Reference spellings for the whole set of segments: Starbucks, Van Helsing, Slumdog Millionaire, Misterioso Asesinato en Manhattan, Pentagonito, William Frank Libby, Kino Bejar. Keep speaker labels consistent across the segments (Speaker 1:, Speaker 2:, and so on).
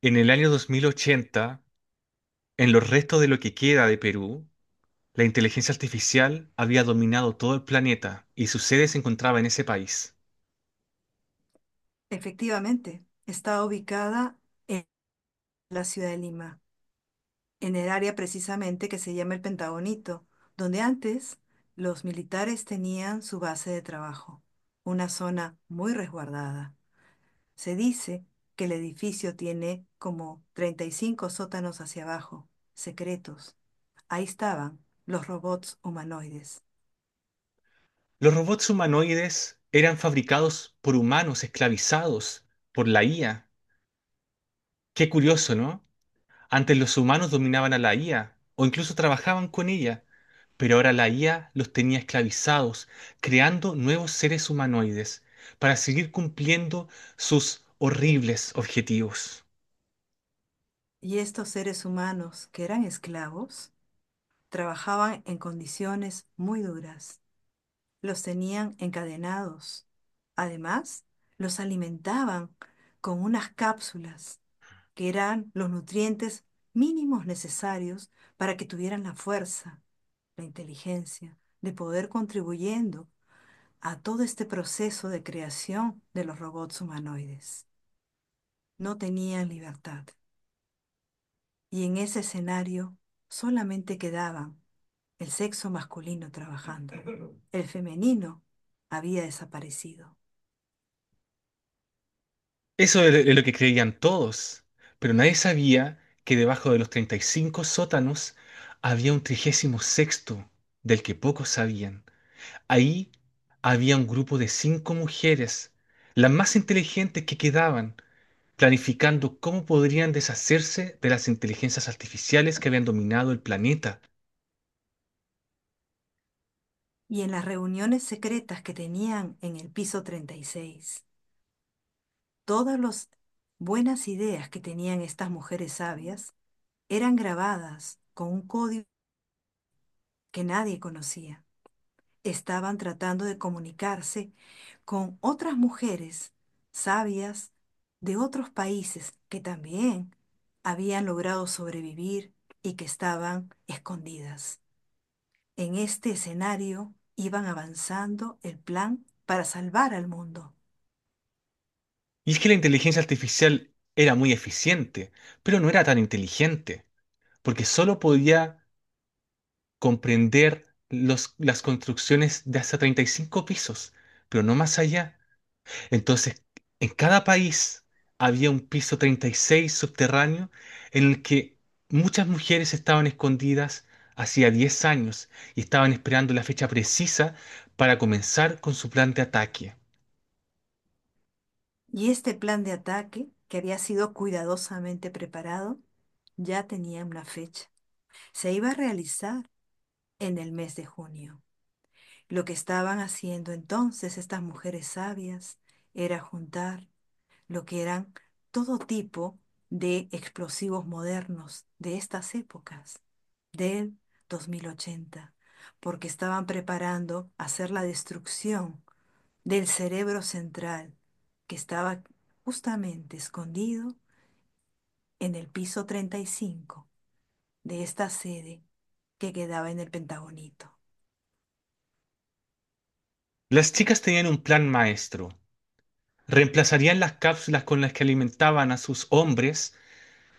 Speaker 1: En el año 2080, en los restos de lo que queda de Perú, la inteligencia artificial había dominado todo el planeta y su sede se encontraba en ese país.
Speaker 2: Efectivamente, está ubicada en la ciudad de Lima, en el área precisamente que se llama el Pentagonito, donde antes los militares tenían su base de trabajo, una zona muy resguardada. Se dice que el edificio tiene como 35 sótanos hacia abajo, secretos. Ahí estaban los robots humanoides.
Speaker 1: Los robots humanoides eran fabricados por humanos esclavizados por la IA. Qué curioso, ¿no? Antes los humanos dominaban a la IA o incluso trabajaban con ella, pero ahora la IA los tenía esclavizados, creando nuevos seres humanoides para seguir cumpliendo sus horribles objetivos.
Speaker 2: Y estos seres humanos que eran esclavos trabajaban en condiciones muy duras. Los tenían encadenados. Además, los alimentaban con unas cápsulas que eran los nutrientes mínimos necesarios para que tuvieran la fuerza, la inteligencia, de poder contribuyendo a todo este proceso de creación de los robots humanoides. No tenían libertad y en ese escenario solamente quedaban el sexo masculino trabajando. El femenino había desaparecido.
Speaker 1: Eso es lo que creían todos, pero nadie sabía que debajo de los 35 sótanos había un trigésimo sexto, del que pocos sabían. Ahí había un grupo de 5 mujeres, las más inteligentes que quedaban, planificando cómo podrían deshacerse de las inteligencias artificiales que habían dominado el planeta.
Speaker 2: Y en las reuniones secretas que tenían en el piso 36, todas las buenas ideas que tenían estas mujeres sabias eran grabadas con un código que nadie conocía. Estaban tratando de comunicarse con otras mujeres sabias de otros países que también habían logrado sobrevivir y que estaban escondidas. En este escenario iban avanzando el plan para salvar al mundo.
Speaker 1: Y es que la inteligencia artificial era muy eficiente, pero no era tan inteligente, porque solo podía comprender las construcciones de hasta 35 pisos, pero no más allá. Entonces, en cada país había un piso 36 subterráneo en el que muchas mujeres estaban escondidas hacía 10 años y estaban esperando la fecha precisa para comenzar con su plan de ataque.
Speaker 2: Y este plan de ataque, que había sido cuidadosamente preparado, ya tenía una fecha. Se iba a realizar en el mes de junio. Lo que estaban haciendo entonces estas mujeres sabias era juntar lo que eran todo tipo de explosivos modernos de estas épocas, del 2080, porque estaban preparando hacer la destrucción del cerebro central que estaba justamente escondido en el piso 35 de esta sede que quedaba en el Pentagonito.
Speaker 1: Las chicas tenían un plan maestro. Reemplazarían las cápsulas con las que alimentaban a sus hombres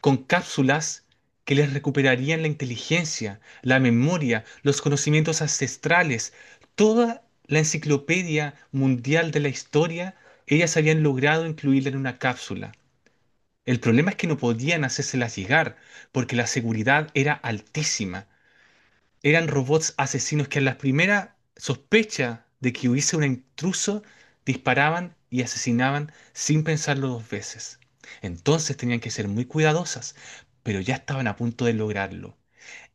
Speaker 1: con cápsulas que les recuperarían la inteligencia, la memoria, los conocimientos ancestrales, toda la enciclopedia mundial de la historia, ellas habían logrado incluirla en una cápsula. El problema es que no podían hacérselas llegar porque la seguridad era altísima. Eran robots asesinos que a la primera sospecha de que hubiese un intruso disparaban y asesinaban sin pensarlo dos veces. Entonces tenían que ser muy cuidadosas, pero ya estaban a punto de lograrlo.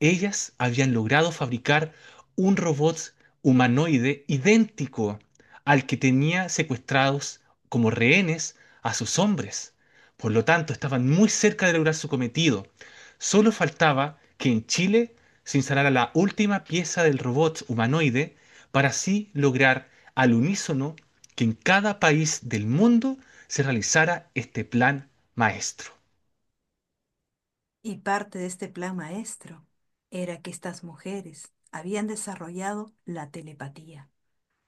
Speaker 1: Ellas habían logrado fabricar un robot humanoide idéntico al que tenía secuestrados como rehenes a sus hombres. Por lo tanto, estaban muy cerca de lograr su cometido. Solo faltaba que en Chile se instalara la última pieza del robot humanoide para así lograr al unísono que en cada país del mundo se realizara este plan maestro.
Speaker 2: Y parte de este plan maestro era que estas mujeres habían desarrollado la telepatía.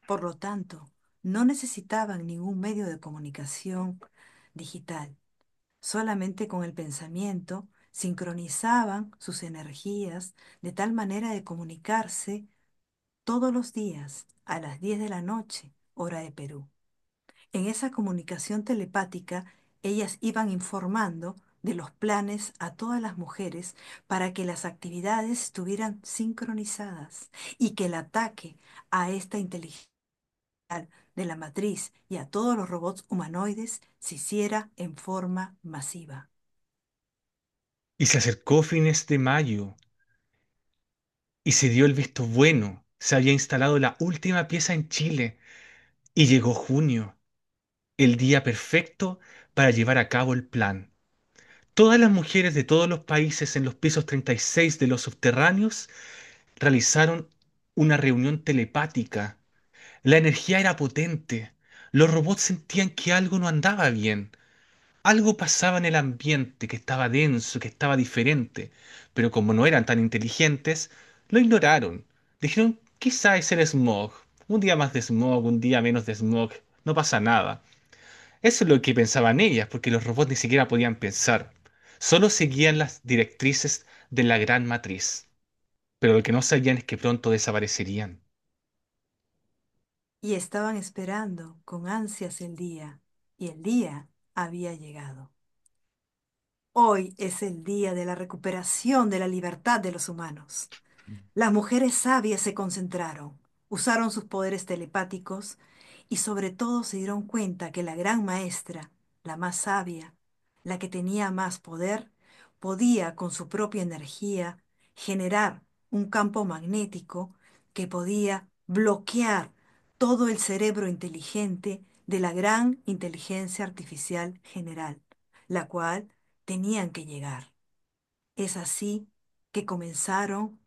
Speaker 2: Por lo tanto, no necesitaban ningún medio de comunicación digital. Solamente con el pensamiento sincronizaban sus energías de tal manera de comunicarse todos los días a las 10 de la noche, hora de Perú. En esa comunicación telepática, ellas iban informando de los planes a todas las mujeres para que las actividades estuvieran sincronizadas y que el ataque a esta inteligencia de la matriz y a todos los robots humanoides se hiciera en forma masiva.
Speaker 1: Y se acercó fines de mayo y se dio el visto bueno. Se había instalado la última pieza en Chile y llegó junio, el día perfecto para llevar a cabo el plan. Todas las mujeres de todos los países en los pisos 36 de los subterráneos realizaron una reunión telepática. La energía era potente. Los robots sentían que algo no andaba bien. Algo pasaba en el ambiente que estaba denso, que estaba diferente, pero como no eran tan inteligentes, lo ignoraron. Dijeron, quizá es el smog. Un día más de smog, un día menos de smog, no pasa nada. Eso es lo que pensaban ellas, porque los robots ni siquiera podían pensar. Solo seguían las directrices de la gran matriz, pero lo que no sabían es que pronto desaparecerían.
Speaker 2: Y estaban esperando con ansias el día, y el día había llegado. Hoy es el día de la recuperación de la libertad de los humanos. Las mujeres sabias se concentraron, usaron sus poderes telepáticos y sobre todo se dieron cuenta que la gran maestra, la más sabia, la que tenía más poder, podía con su propia energía generar un campo magnético que podía bloquear todo el cerebro inteligente de la gran inteligencia artificial general, la cual tenían que llegar. Es así que comenzaron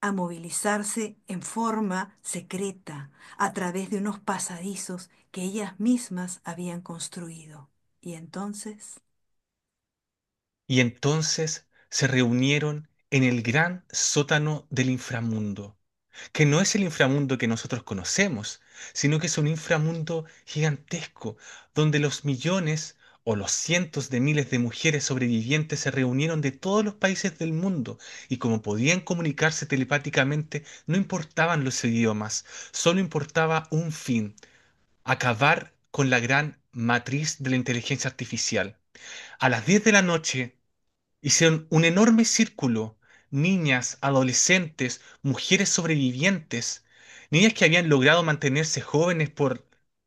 Speaker 2: a movilizarse en forma secreta a través de unos pasadizos que ellas mismas habían construido. Y entonces,
Speaker 1: Y entonces se reunieron en el gran sótano del inframundo, que no es el inframundo que nosotros conocemos, sino que es un inframundo gigantesco, donde los millones o los cientos de miles de mujeres sobrevivientes se reunieron de todos los países del mundo y, como podían comunicarse telepáticamente, no importaban los idiomas, solo importaba un fin: acabar con la gran matriz de la inteligencia artificial. A las 10 de la noche, hicieron un enorme círculo, niñas, adolescentes, mujeres sobrevivientes, niñas que habían logrado mantenerse jóvenes por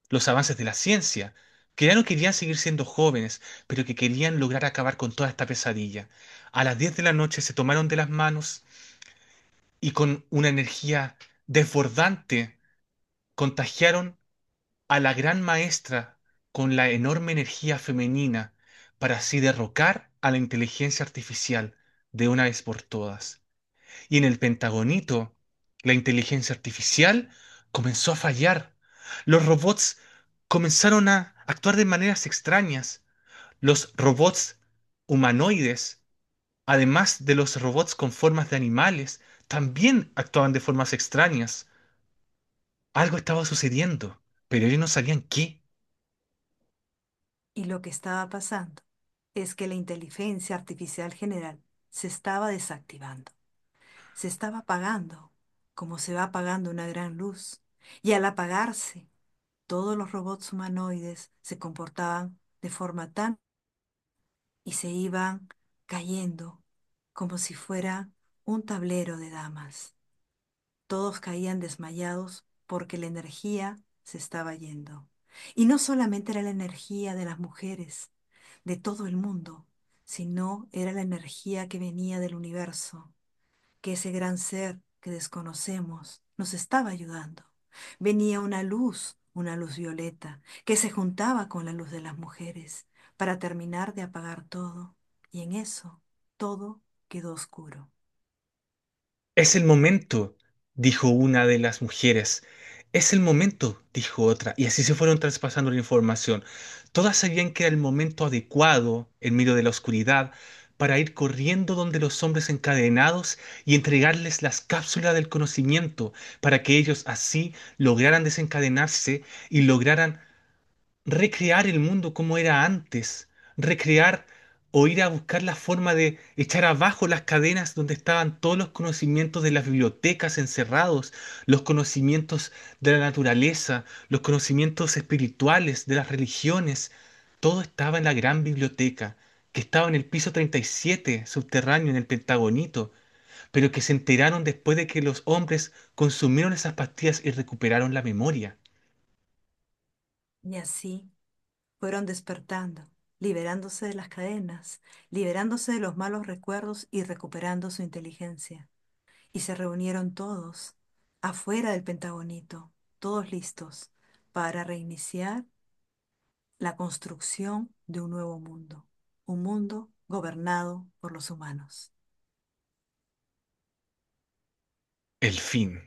Speaker 1: los avances de la ciencia, que ya no querían seguir siendo jóvenes, pero que querían lograr acabar con toda esta pesadilla. A las 10 de la noche se tomaron de las manos y con una energía desbordante contagiaron a la gran maestra con la enorme energía femenina para así derrocar a la inteligencia artificial de una vez por todas. Y en el Pentagonito, la inteligencia artificial comenzó a fallar. Los robots comenzaron a actuar de maneras extrañas. Los robots humanoides, además de los robots con formas de animales, también actuaban de formas extrañas. Algo estaba sucediendo, pero ellos no sabían qué.
Speaker 2: y lo que estaba pasando es que la inteligencia artificial general se estaba desactivando, se estaba apagando, como se va apagando una gran luz. Y al apagarse, todos los robots humanoides se comportaban de forma tan y se iban cayendo como si fuera un tablero de damas. Todos caían desmayados porque la energía se estaba yendo. Y no solamente era la energía de las mujeres, de todo el mundo, sino era la energía que venía del universo, que ese gran ser que desconocemos nos estaba ayudando. Venía una luz violeta, que se juntaba con la luz de las mujeres para terminar de apagar todo. Y en eso todo quedó oscuro.
Speaker 1: Es el momento, dijo una de las mujeres. Es el momento, dijo otra, y así se fueron traspasando la información. Todas sabían que era el momento adecuado, en medio de la oscuridad, para ir corriendo donde los hombres encadenados y entregarles las cápsulas del conocimiento, para que ellos así lograran desencadenarse y lograran recrear el mundo como era antes, recrear o ir a buscar la forma de echar abajo las cadenas donde estaban todos los conocimientos de las bibliotecas encerrados, los conocimientos de la naturaleza, los conocimientos espirituales de las religiones, todo estaba en la gran biblioteca, que estaba en el piso 37, subterráneo, en el Pentagonito, pero que se enteraron después de que los hombres consumieron esas pastillas y recuperaron la memoria.
Speaker 2: Y así fueron despertando, liberándose de las cadenas, liberándose de los malos recuerdos y recuperando su inteligencia. Y se reunieron todos, afuera del Pentagonito, todos listos, para reiniciar la construcción de un nuevo mundo, un mundo gobernado por los humanos.
Speaker 1: El fin.